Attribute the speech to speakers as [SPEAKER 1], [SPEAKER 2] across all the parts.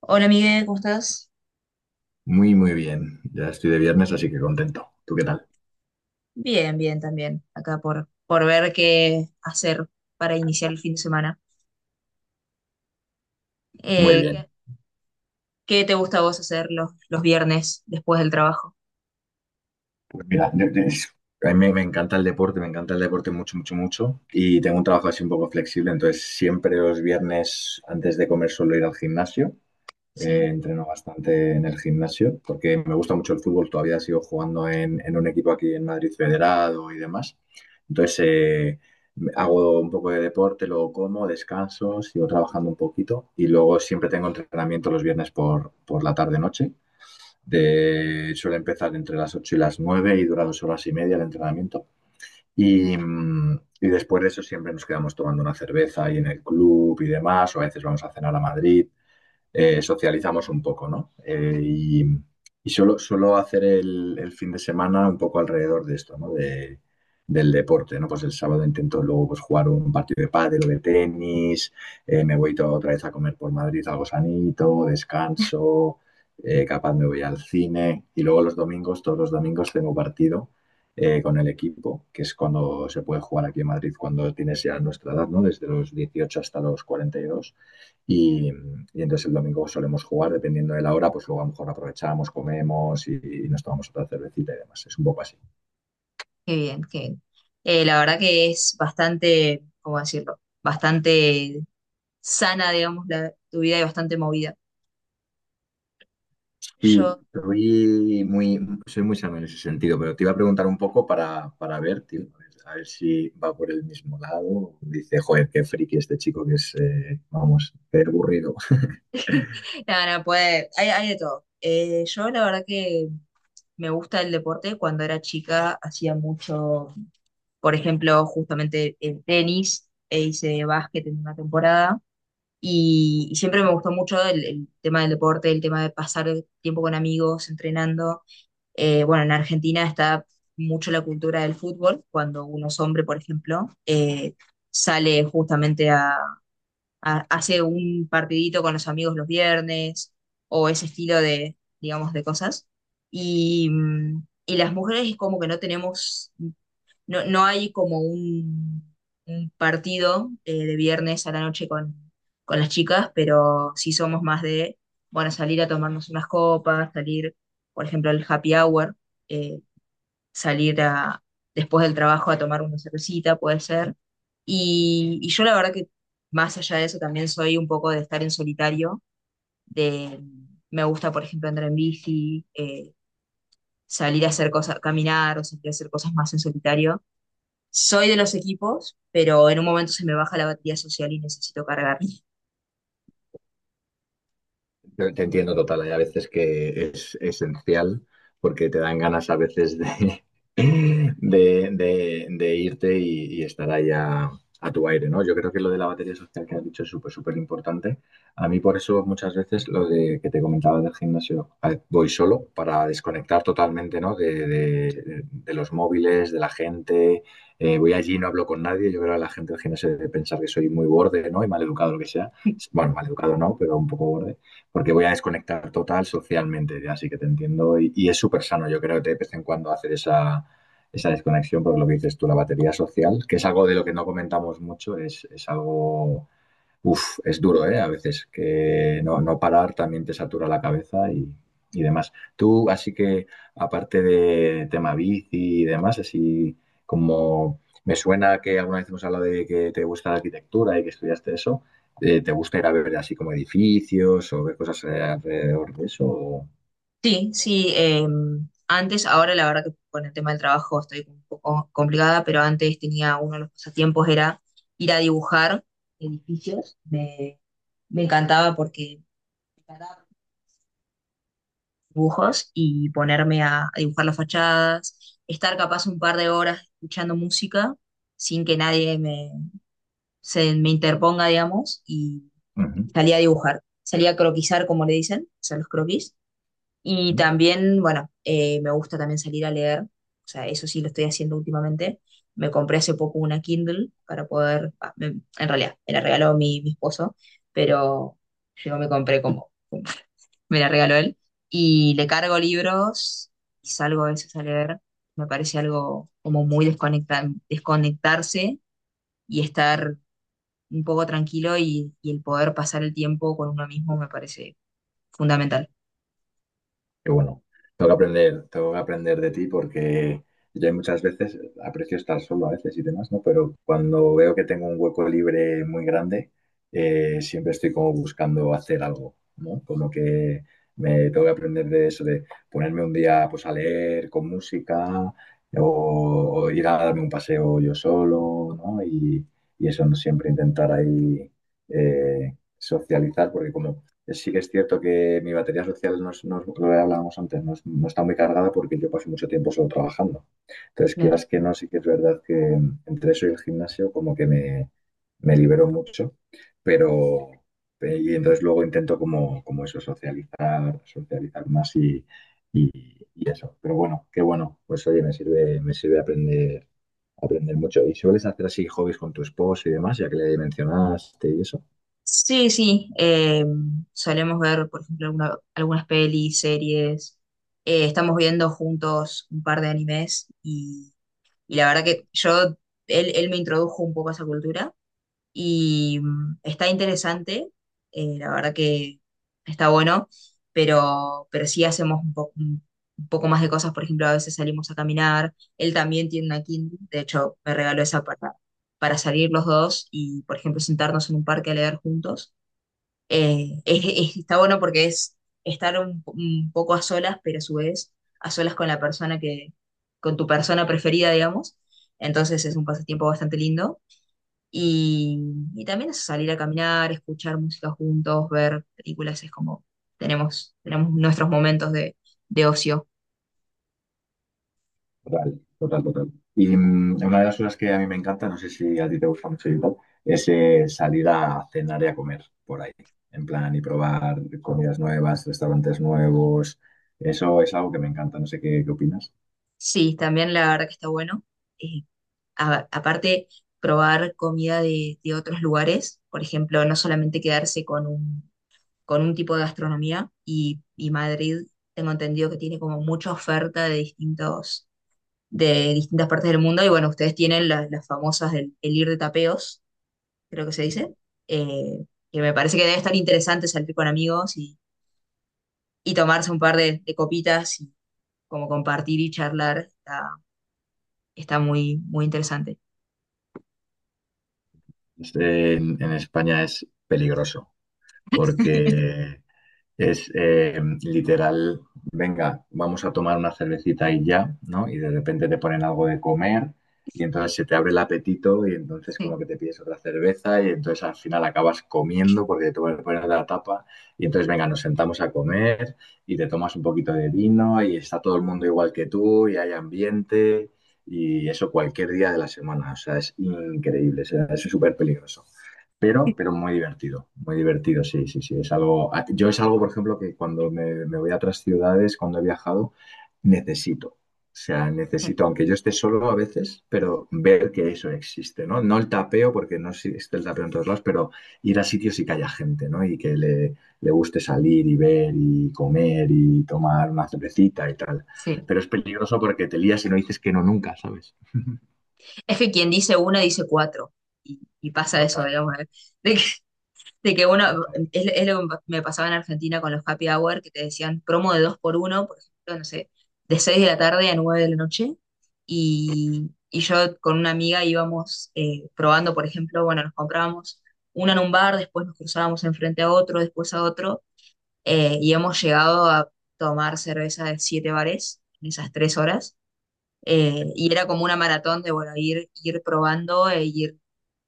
[SPEAKER 1] Hola Miguel, ¿cómo estás?
[SPEAKER 2] Muy, muy bien. Ya estoy de viernes, así que contento. ¿Tú qué tal?
[SPEAKER 1] Bien, bien también, acá por ver qué hacer para iniciar el fin de semana.
[SPEAKER 2] Muy
[SPEAKER 1] Eh, ¿qué,
[SPEAKER 2] bien.
[SPEAKER 1] qué te gusta a vos hacer los viernes después del trabajo?
[SPEAKER 2] Pues mira, a mí me encanta el deporte, me encanta el deporte mucho, mucho, mucho. Y tengo un trabajo así un poco flexible, entonces siempre los viernes antes de comer suelo ir al gimnasio.
[SPEAKER 1] Sí,
[SPEAKER 2] Entreno bastante en el gimnasio porque me gusta mucho el fútbol, todavía sigo jugando en un equipo aquí en Madrid Federado y demás. Entonces hago un poco de deporte, luego como, descanso, sigo trabajando un poquito y luego siempre tengo entrenamiento los viernes por la tarde-noche. Suele empezar entre las 8 y las 9 y dura 2 horas y media el entrenamiento. Y después de eso siempre nos quedamos tomando una cerveza ahí en el club y demás, o a veces vamos a cenar a Madrid, socializamos un poco, ¿no? Y suelo hacer el fin de semana un poco alrededor de esto, ¿no? Del deporte, ¿no? Pues el sábado intento luego pues, jugar un partido de pádel o de tenis. Me voy toda otra vez a comer por Madrid algo sanito, descanso. Capaz me voy al cine, y luego los domingos, todos los domingos tengo partido, con el equipo, que es cuando se puede jugar aquí en Madrid, cuando tienes ya nuestra edad, ¿no? Desde los 18 hasta los 42 y, dos. Y entonces el domingo solemos jugar, dependiendo de la hora, pues luego a lo mejor aprovechamos, comemos y nos tomamos otra cervecita y demás. Es un poco así.
[SPEAKER 1] qué bien, qué bien. La verdad que es bastante, ¿cómo decirlo? Bastante sana, digamos, tu vida y bastante movida.
[SPEAKER 2] Sí,
[SPEAKER 1] Yo,
[SPEAKER 2] soy muy sano en ese sentido, pero te iba a preguntar un poco para ver, tío, a ver si va por el mismo lado. Dice, joder, qué friki este chico que es, vamos, qué aburrido.
[SPEAKER 1] nada, no, puede, hay de todo. Yo la verdad que me gusta el deporte. Cuando era chica hacía mucho, por ejemplo, justamente, en tenis, e hice básquet en una temporada, y siempre me gustó mucho el tema del deporte, el tema de pasar tiempo con amigos, entrenando. Bueno, en Argentina está mucho la cultura del fútbol. Cuando uno es hombre, por ejemplo, sale justamente a hace un partidito con los amigos los viernes o ese estilo de, digamos, de cosas. Y las mujeres es como que no tenemos, no hay como un partido, de viernes a la noche con las chicas, pero sí somos más de, bueno, salir a tomarnos unas copas, salir, por ejemplo, al happy hour, eh, salir a, después del trabajo, a tomar una cervecita, puede ser. Y yo la verdad que, más allá de eso, también soy un poco de estar en solitario. De, me gusta, por ejemplo, andar en bici. Salir a hacer cosas, caminar, o salir a hacer cosas más en solitario. Soy de los equipos, pero en un momento se me baja la batería social y necesito cargar.
[SPEAKER 2] Te entiendo total, hay a veces que es esencial porque te dan ganas a veces de irte y estar ahí a tu aire, ¿no? Yo creo que lo de la batería social que has dicho es súper, súper importante. A mí por eso muchas veces lo de que te comentaba del gimnasio, a ver, voy solo para desconectar totalmente, ¿no? De los móviles, de la gente. Voy allí, no hablo con nadie. Yo creo que la gente del gimnasio debe pensar que soy muy borde, ¿no? Y mal educado, lo que sea. Bueno, mal educado no, pero un poco borde porque voy a desconectar total socialmente, ya así que te entiendo y es súper sano, yo creo, de vez en cuando hacer esa desconexión, porque lo que dices tú, la batería social, que es algo de lo que no comentamos mucho, es algo. Uf, es duro, ¿eh? A veces que no, no parar también te satura la cabeza y demás. Tú, así que, aparte de tema bici y demás, así como me suena que alguna vez hemos hablado de que te gusta la arquitectura y que estudiaste eso, ¿te gusta ir a ver así como edificios o ver cosas alrededor de eso?
[SPEAKER 1] Sí, sí, antes, ahora la verdad que con el tema del trabajo estoy un poco complicada, pero antes tenía, uno de los pasatiempos era ir a dibujar edificios. Me encantaba, porque me encantaba dibujos, y ponerme a dibujar las fachadas, estar capaz un par de horas escuchando música sin que nadie se me interponga, digamos, y salí a dibujar, salí a croquisar, como le dicen, o sea, los croquis. Y
[SPEAKER 2] Ujú.
[SPEAKER 1] también, bueno, me gusta también salir a leer, o sea, eso sí lo estoy haciendo últimamente. Me compré hace poco una Kindle para poder, ah, en realidad, me la regaló mi esposo, pero yo me compré como, como me la regaló él. Y le cargo libros y salgo a veces a leer. Me parece algo como muy desconectarse y estar un poco tranquilo, y el poder pasar el tiempo con uno mismo me parece fundamental.
[SPEAKER 2] Que bueno, tengo que aprender de ti porque yo muchas veces aprecio estar solo a veces y demás, ¿no? Pero cuando veo que tengo un hueco libre muy grande, siempre estoy como buscando hacer algo, ¿no? Como que me tengo que aprender de eso, de ponerme un día pues a leer con música o, o ir a darme un paseo yo solo, ¿no? Y eso, ¿no? Siempre intentar ahí eh, socializar, porque como sí que es cierto que mi batería social, no es lo que hablábamos antes, no, no está muy cargada porque yo paso mucho tiempo solo trabajando. Entonces,
[SPEAKER 1] Claro.
[SPEAKER 2] quieras que no, sí que es verdad que entre eso y el gimnasio como que me libero mucho, pero y entonces luego intento como eso, socializar más y eso. Pero bueno, qué bueno, pues oye, me sirve aprender mucho. ¿Y sueles hacer así hobbies con tu esposo y demás, ya que le mencionaste y eso?
[SPEAKER 1] Sí, sí, solemos ver, por ejemplo, algunas pelis, series. Estamos viendo juntos un par de animes y la verdad que yo, él me introdujo un poco a esa cultura y, mm, está interesante. La verdad que está bueno, pero sí hacemos un poco más de cosas. Por ejemplo, a veces salimos a caminar. Él también tiene una Kindle, de hecho me regaló esa para salir los dos y, por ejemplo, sentarnos en un parque a leer juntos. Eh, es- está bueno porque es estar un poco a solas, pero a su vez a solas con la persona con tu persona preferida, digamos. Entonces es un pasatiempo bastante lindo. Y, y también eso, salir a caminar, escuchar música juntos, ver películas. Es como, tenemos, tenemos nuestros momentos de ocio.
[SPEAKER 2] Total, total, total. Y una de las cosas que a mí me encanta, no sé si a ti te gusta mucho y tal, es salir a cenar y a comer por ahí, en plan, y probar comidas nuevas, restaurantes nuevos. Eso es algo que me encanta, no sé qué, qué opinas.
[SPEAKER 1] Sí, también la verdad que está bueno. Eh, Aparte, probar comida de otros lugares, por ejemplo, no solamente quedarse con un tipo de gastronomía. Y, y Madrid, tengo entendido que tiene como mucha oferta de distintos, de distintas partes del mundo. Y bueno, ustedes tienen las famosas del el ir de tapeos, creo que se dice, eh, que me parece que debe estar interesante salir con amigos y tomarse un par de copitas, y como compartir y charlar. Está, está muy, muy interesante.
[SPEAKER 2] Este, en España es peligroso, porque es, literal, venga, vamos a tomar una cervecita y ya, ¿no? Y de repente te ponen algo de comer, y entonces se te abre el apetito y entonces
[SPEAKER 1] Sí,
[SPEAKER 2] como que te pides otra cerveza y entonces al final acabas comiendo porque te ponen poner la tapa, y entonces venga, nos sentamos a comer y te tomas un poquito de vino y está todo el mundo igual que tú y hay ambiente, y eso cualquier día de la semana, o sea, es increíble, o sea, es súper peligroso pero muy divertido, sí, sí, sí. Es algo, a- yo es algo, por ejemplo, que cuando me voy a otras ciudades, cuando he viajado, necesito. O sea,
[SPEAKER 1] claro,
[SPEAKER 2] necesito, aunque yo esté solo a veces, pero ver que eso existe, ¿no? No el tapeo, porque no existe el tapeo en todos lados, pero ir a sitios y que haya gente, ¿no? Y que le guste salir y ver y comer y tomar una cervecita y tal.
[SPEAKER 1] sí.
[SPEAKER 2] Pero es peligroso porque te lías y no dices que no nunca, ¿sabes?
[SPEAKER 1] Es que quien dice una dice cuatro y pasa eso,
[SPEAKER 2] Total,
[SPEAKER 1] digamos, ¿eh? de De que uno,
[SPEAKER 2] total.
[SPEAKER 1] es lo que me pasaba en Argentina con los happy hour, que te decían promo de 2x1, por ejemplo, no sé, de 6 de la tarde a 9 de la noche. Y yo con una amiga íbamos, probando, por ejemplo, bueno, nos comprábamos una en un bar, después nos cruzábamos enfrente a otro, después a otro, y hemos llegado a tomar cerveza de 7 bares en esas 3 horas. Y era como una maratón de, bueno, ir probando, e ir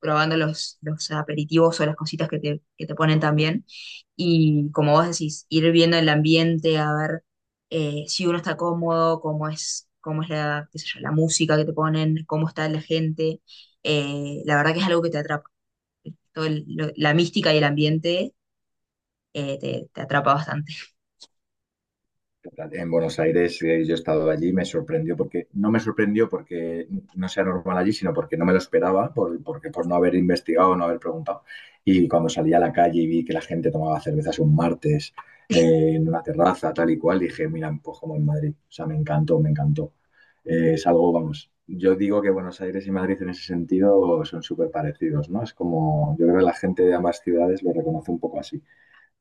[SPEAKER 1] probando los aperitivos o las cositas que te ponen también. Y como vos decís, ir viendo el ambiente, a ver, si uno está cómodo, cómo es la, qué sé yo, la música que te ponen, cómo está la gente. La verdad que es algo que te atrapa. La mística y el ambiente, te, te atrapa bastante.
[SPEAKER 2] En Buenos Aires, yo he estado allí, me sorprendió porque, no me sorprendió porque no sea normal allí, sino porque no me lo esperaba, porque por no haber investigado, no haber preguntado. Y cuando salí a la calle y vi que la gente tomaba cervezas un martes, en una terraza, tal y cual, dije, mira, pues como en Madrid. O sea, me encantó, me encantó. Es algo, vamos, yo digo que Buenos Aires y Madrid en ese sentido son súper parecidos, ¿no? Es como, yo creo que la gente de ambas ciudades lo reconoce un poco así.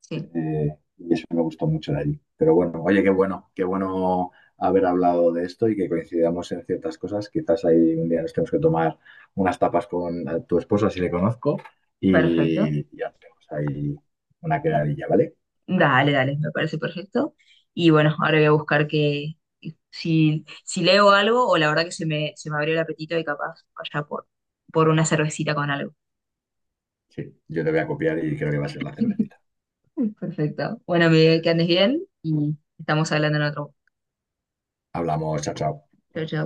[SPEAKER 1] Sí,
[SPEAKER 2] Y eso me gustó mucho de allí. Pero bueno, oye, qué bueno haber hablado de esto y que coincidamos en ciertas cosas. Quizás ahí un día nos tenemos que tomar unas tapas con tu esposa, si le conozco,
[SPEAKER 1] perfecto.
[SPEAKER 2] y ya tenemos ahí una quedadilla, ¿vale?
[SPEAKER 1] Dale, dale, me parece perfecto. Y bueno, ahora voy a buscar que, si, si leo algo, o la verdad que se me abrió el apetito y capaz vaya por una cervecita con algo.
[SPEAKER 2] Sí, yo te voy a copiar y creo que va a ser la cervecita.
[SPEAKER 1] Perfecto. Bueno, Miguel, que andes bien y estamos hablando en otro.
[SPEAKER 2] Hablamos, chao, chao.
[SPEAKER 1] Chao, chao.